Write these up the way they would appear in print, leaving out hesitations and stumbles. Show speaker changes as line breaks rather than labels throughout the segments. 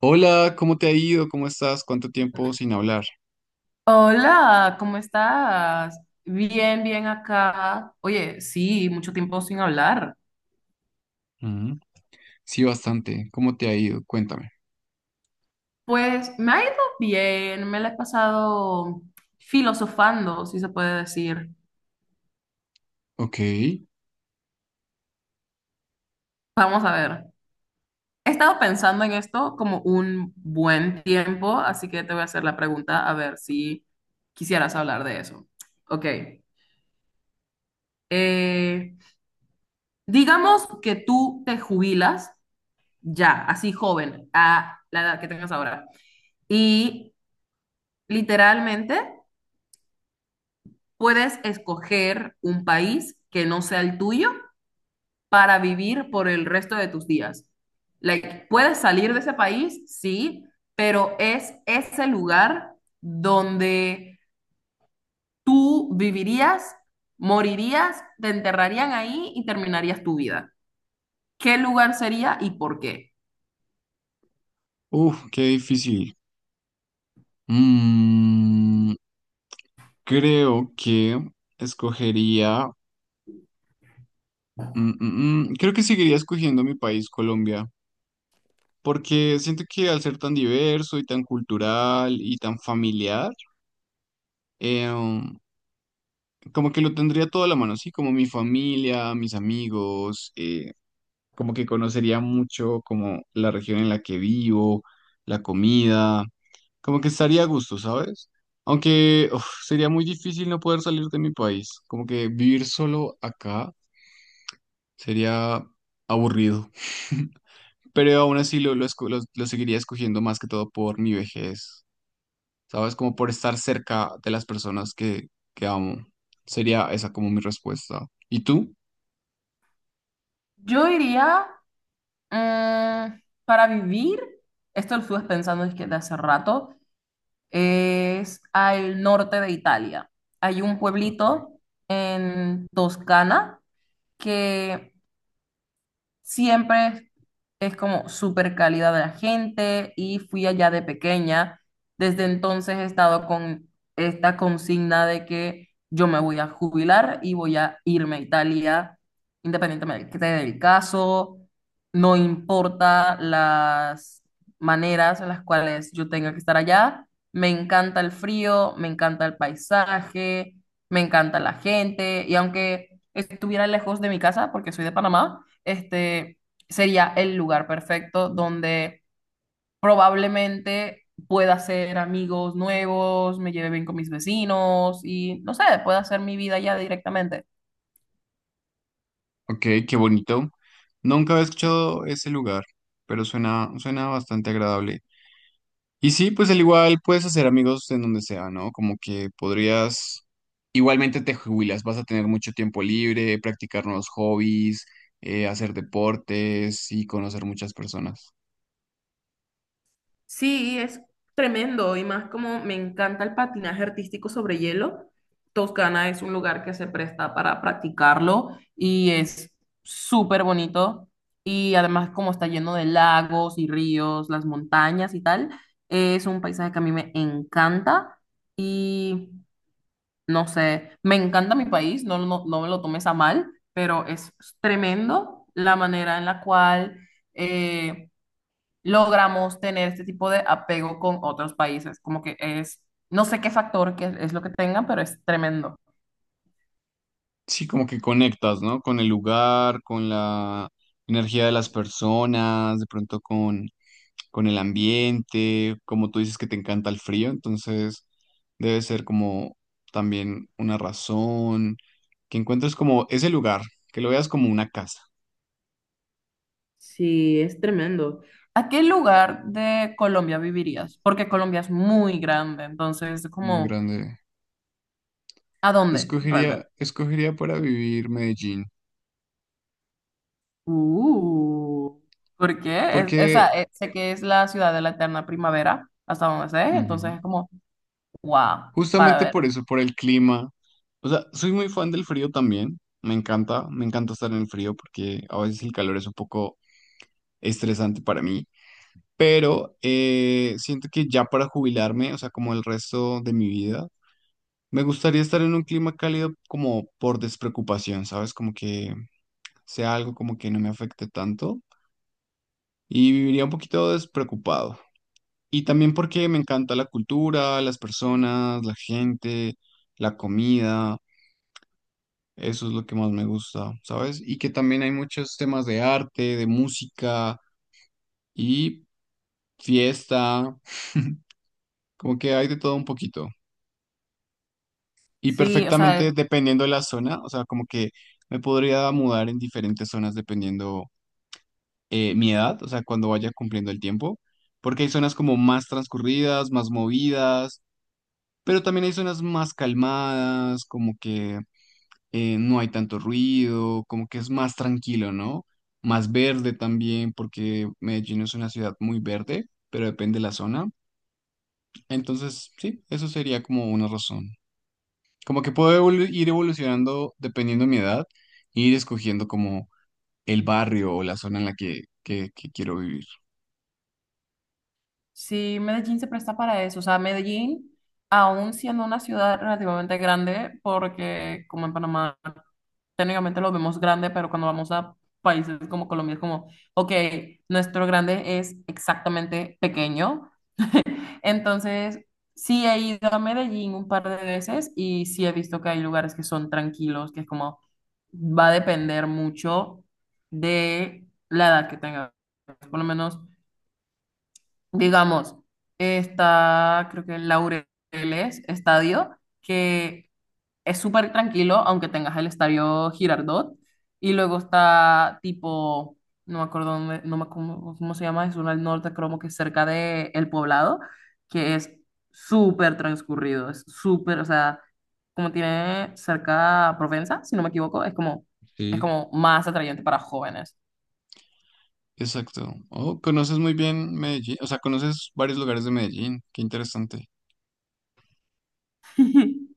Hola, ¿cómo te ha ido? ¿Cómo estás? ¿Cuánto tiempo sin hablar?
Hola, ¿cómo estás? Bien, bien acá. Oye, sí, mucho tiempo sin hablar.
Mm, sí, bastante. ¿Cómo te ha ido? Cuéntame.
Pues me ha ido bien, me la he pasado filosofando, si se puede decir.
Ok.
Vamos a ver. He estado pensando en esto como un buen tiempo, así que te voy a hacer la pregunta a ver si quisieras hablar de eso. Ok. Eh, digamos que tú te jubilas ya, así joven, a la edad que tengas ahora. Y literalmente, puedes escoger un país que no sea el tuyo para vivir por el resto de tus días. Like, puedes salir de ese país, sí, pero es ese lugar donde tú vivirías, morirías, te enterrarían ahí y terminarías tu vida. ¿Qué lugar sería y por qué?
Uf, qué difícil. Mm, Creo que escogería... creo que seguiría escogiendo mi país, Colombia, porque siento que al ser tan diverso y tan cultural y tan familiar, eh, um, como que lo tendría todo a la mano, sí, como mi familia, mis amigos, como que conocería mucho como la región en la que vivo, la comida, como que estaría a gusto, ¿sabes? Aunque uf, sería muy difícil no poder salir de mi país, como que vivir solo acá sería aburrido, pero aún así lo seguiría escogiendo más que todo por mi vejez, ¿sabes? Como por estar cerca de las personas que amo. Sería esa como mi respuesta. ¿Y tú?
Yo iría, para vivir, esto lo estuve pensando desde hace rato, es al norte de Italia. Hay un pueblito en Toscana que siempre es como súper calidad de la gente, y fui allá de pequeña. Desde entonces he estado con esta consigna de que yo me voy a jubilar y voy a irme a Italia, independientemente del caso. No importa las maneras en las cuales yo tenga que estar allá. Me encanta el frío, me encanta el paisaje, me encanta la gente. Y aunque estuviera lejos de mi casa, porque soy de Panamá, este sería el lugar perfecto donde probablemente pueda hacer amigos nuevos, me lleve bien con mis vecinos y no sé, pueda hacer mi vida ya directamente.
Ok, qué bonito. Nunca había escuchado ese lugar, pero suena bastante agradable. Y sí, pues al igual puedes hacer amigos en donde sea, ¿no? Como que podrías, igualmente te jubilas, vas a tener mucho tiempo libre, practicar nuevos hobbies, hacer deportes y conocer muchas personas.
Sí, es tremendo, y más como me encanta el patinaje artístico sobre hielo. Toscana es un lugar que se presta para practicarlo y es súper bonito, y además como está lleno de lagos y ríos, las montañas y tal, es un paisaje que a mí me encanta. Y no sé, me encanta mi país, no, no, no me lo tomes a mal, pero es tremendo la manera en la cual... eh, logramos tener este tipo de apego con otros países. Como que es, no sé qué factor que es lo que tengan, pero es tremendo.
Sí, como que conectas, ¿no? Con el lugar, con la energía de las personas, de pronto con el ambiente, como tú dices que te encanta el frío, entonces debe ser como también una razón, que encuentres como ese lugar, que lo veas como una casa
Sí, es tremendo. ¿A qué lugar de Colombia vivirías? Porque Colombia es muy grande, entonces
muy
como,
grande.
¿a dónde realmente?
Escogería para vivir Medellín,
Uh, ¿Por qué? Es, esa,
porque
sé que es la ciudad de la eterna primavera, hasta donde sé,
ujú,
entonces es como, wow, para
justamente
ver.
por eso, por el clima. O sea, soy muy fan del frío también, me encanta estar en el frío porque a veces el calor es un poco estresante para mí. Pero siento que ya para jubilarme, o sea, como el resto de mi vida, me gustaría estar en un clima cálido como por despreocupación, ¿sabes? Como que sea algo como que no me afecte tanto y viviría un poquito despreocupado. Y también porque me encanta la cultura, las personas, la gente, la comida, eso es lo que más me gusta, ¿sabes? Y que también hay muchos temas de arte, de música y fiesta, como que hay de todo un poquito. Y
Sí, o
perfectamente
sea,
dependiendo de la zona, o sea, como que me podría mudar en diferentes zonas dependiendo mi edad, o sea, cuando vaya cumpliendo el tiempo, porque hay zonas como más transcurridas, más movidas, pero también hay zonas más calmadas, como que no hay tanto ruido, como que es más tranquilo, ¿no? Más verde también, porque Medellín es una ciudad muy verde, pero depende de la zona. Entonces, sí, eso sería como una razón. Como que puedo ir evolucionando dependiendo de mi edad, e ir escogiendo como el barrio o la zona en la que quiero vivir.
sí, Medellín se presta para eso. O sea, Medellín, aún siendo una ciudad relativamente grande, porque como en Panamá, técnicamente lo vemos grande, pero cuando vamos a países como Colombia es como, ok, nuestro grande es exactamente pequeño. Entonces, sí he ido a Medellín un par de veces y sí he visto que hay lugares que son tranquilos, que es como, va a depender mucho de la edad que tengas. Por lo menos digamos, está, creo que en Laureles Estadio, que es súper tranquilo, aunque tengas el Estadio Girardot, y luego está tipo, no me acuerdo dónde- no me acu- cómo se llama, es uno al norte, creo que es cerca de El Poblado, que es súper transcurrido, es súper, o sea, como tiene cerca Provenza, si no me equivoco, es
Sí.
como más atrayente para jóvenes.
Exacto. Oh, conoces muy bien Medellín, o sea, conoces varios lugares de Medellín. Qué interesante.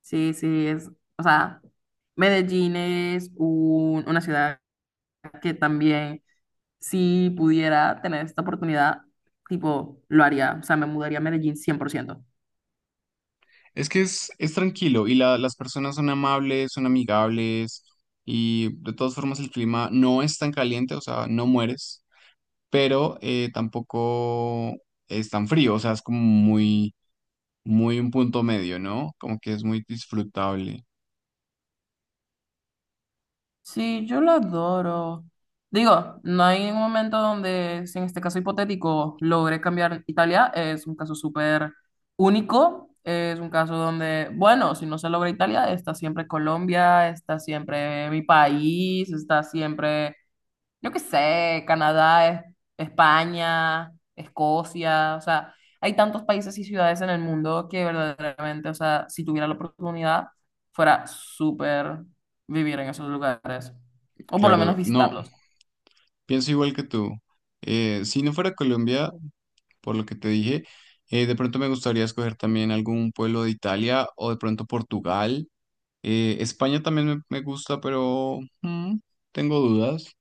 Sí, es, o sea, Medellín es una ciudad que también, si pudiera tener esta oportunidad, tipo, lo haría, o sea, me mudaría a Medellín cien por ciento.
Es que es tranquilo y las personas son amables, son amigables y de todas formas el clima no es tan caliente, o sea, no mueres, pero tampoco es tan frío, o sea, es como muy un punto medio, ¿no? Como que es muy disfrutable.
Sí, yo la adoro. Digo, no hay un momento donde, si en este caso hipotético, logré cambiar Italia. Es un caso súper único. Es un caso donde, bueno, si no se logra Italia, está siempre Colombia, está siempre mi país, está siempre, yo qué sé, Canadá, España, Escocia, o sea, hay tantos países y ciudades en el mundo que verdaderamente, o sea, si tuviera la oportunidad, fuera súper vivir en esos lugares, o por lo menos
Claro, no,
visitarlos.
pienso igual que tú. Si no fuera Colombia, por lo que te dije, de pronto me gustaría escoger también algún pueblo de Italia o de pronto Portugal. España también me gusta, pero tengo dudas.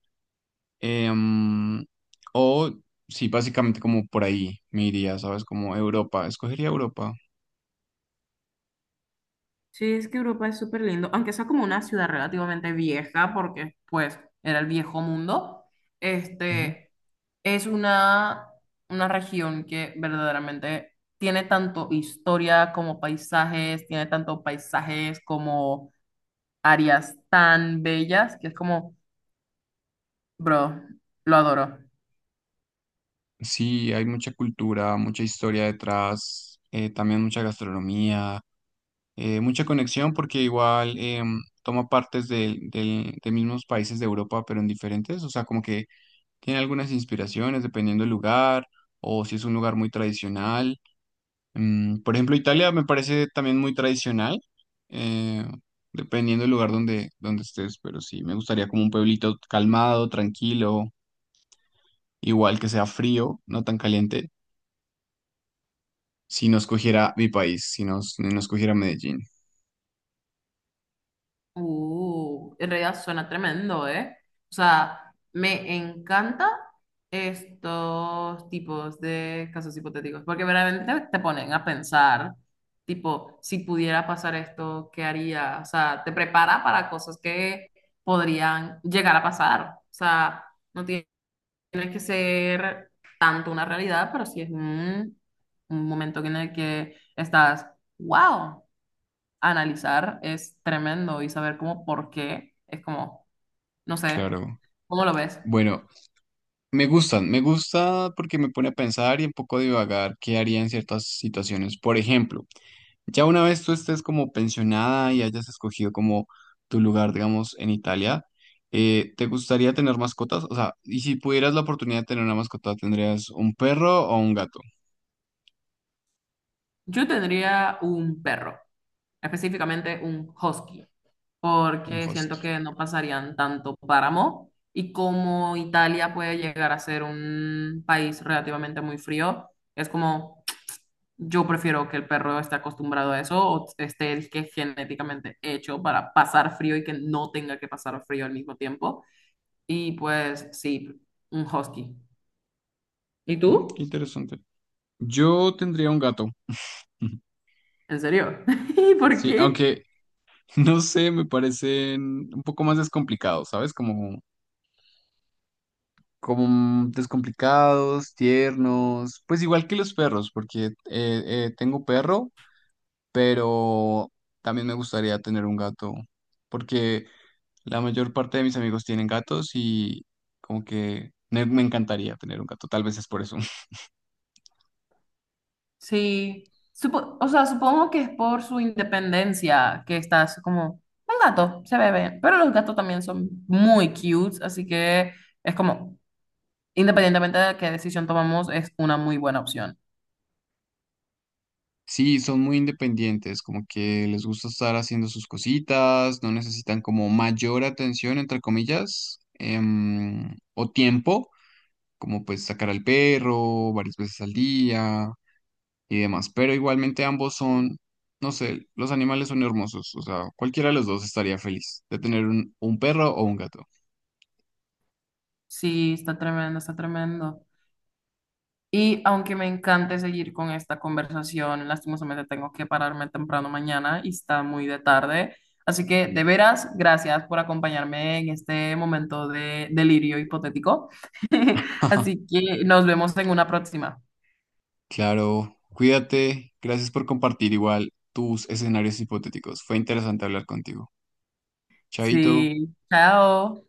Em, o sí, básicamente como por ahí me iría, ¿sabes? Como Europa, escogería Europa.
Sí, es que Europa es súper lindo, aunque sea como una ciudad relativamente vieja, porque pues era el viejo mundo, este, es una región que verdaderamente tiene tanto historia como paisajes, tiene tanto paisajes como áreas tan bellas, que es como, bro, lo adoro.
Sí, hay mucha cultura, mucha historia detrás, también mucha gastronomía, mucha conexión porque igual toma partes de mismos países de Europa, pero en diferentes, o sea, como que tiene algunas inspiraciones dependiendo del lugar o si es un lugar muy tradicional. Por ejemplo, Italia me parece también muy tradicional, eh, dependiendo del lugar donde estés, pero sí, me gustaría como un pueblito calmado, tranquilo, igual que sea frío, no tan caliente. Si nos cogiera mi país, si nos cogiera Medellín,
En realidad suena tremendo, ¿eh? O sea, me encanta estos tipos de casos hipotéticos, porque verdaderamente te ponen a pensar, tipo, si pudiera pasar esto, ¿qué haría? O sea, te prepara para cosas que podrían llegar a pasar. O sea, no tiene que ser tanto una realidad, pero sí es un momento en el que estás, wow, analizar es tremendo y saber cómo por qué es como, no sé,
claro.
¿cómo lo ves?
Bueno, me gusta porque me pone a pensar y un poco a divagar qué haría en ciertas situaciones. Por ejemplo, ya una vez tú estés como pensionada y hayas escogido como tu lugar, digamos, en Italia, ¿te gustaría tener mascotas? O sea, y si pudieras la oportunidad de tener una mascota, ¿tendrías un perro o un gato?
Yo tendría un perro, específicamente un husky,
Un
porque siento
husky.
que no pasarían tanto páramo y como Italia puede llegar a ser un país relativamente muy frío, es como, yo prefiero que el perro esté acostumbrado a eso o esté que genéticamente hecho para pasar frío y que no tenga que pasar frío al mismo tiempo. Y pues sí, un husky. ¿Y
Mm, qué
tú?
interesante. Yo tendría un gato.
¿En serio? ¿Y por
Sí,
qué?
aunque no sé, me parecen un poco más descomplicados, ¿sabes? Como, como descomplicados, tiernos, pues igual que los perros, porque tengo perro, pero también me gustaría tener un gato, porque la mayor parte de mis amigos tienen gatos y como que me encantaría tener un gato, tal vez es por eso.
Sí. O sea, supongo que es por su independencia que estás como un gato, se bebe. Pero los gatos también son muy cute, así que es como, independientemente de qué decisión tomamos, es una muy buena opción.
Sí, son muy independientes, como que les gusta estar haciendo sus cositas, no necesitan como mayor atención, entre comillas, o tiempo, como pues sacar al perro varias veces al día y demás. Pero igualmente ambos son, no sé, los animales son hermosos, o sea, cualquiera de los dos estaría feliz de tener un perro o un gato.
Sí, está tremendo, está tremendo. Y aunque me encante seguir con esta conversación, lastimosamente tengo que pararme temprano mañana y está muy de tarde. Así que, de veras, gracias por acompañarme en este momento de delirio hipotético. Así que nos vemos en una próxima.
Claro, cuídate, gracias por compartir igual tus escenarios hipotéticos. Fue interesante hablar contigo. Chaito.
Sí, chao.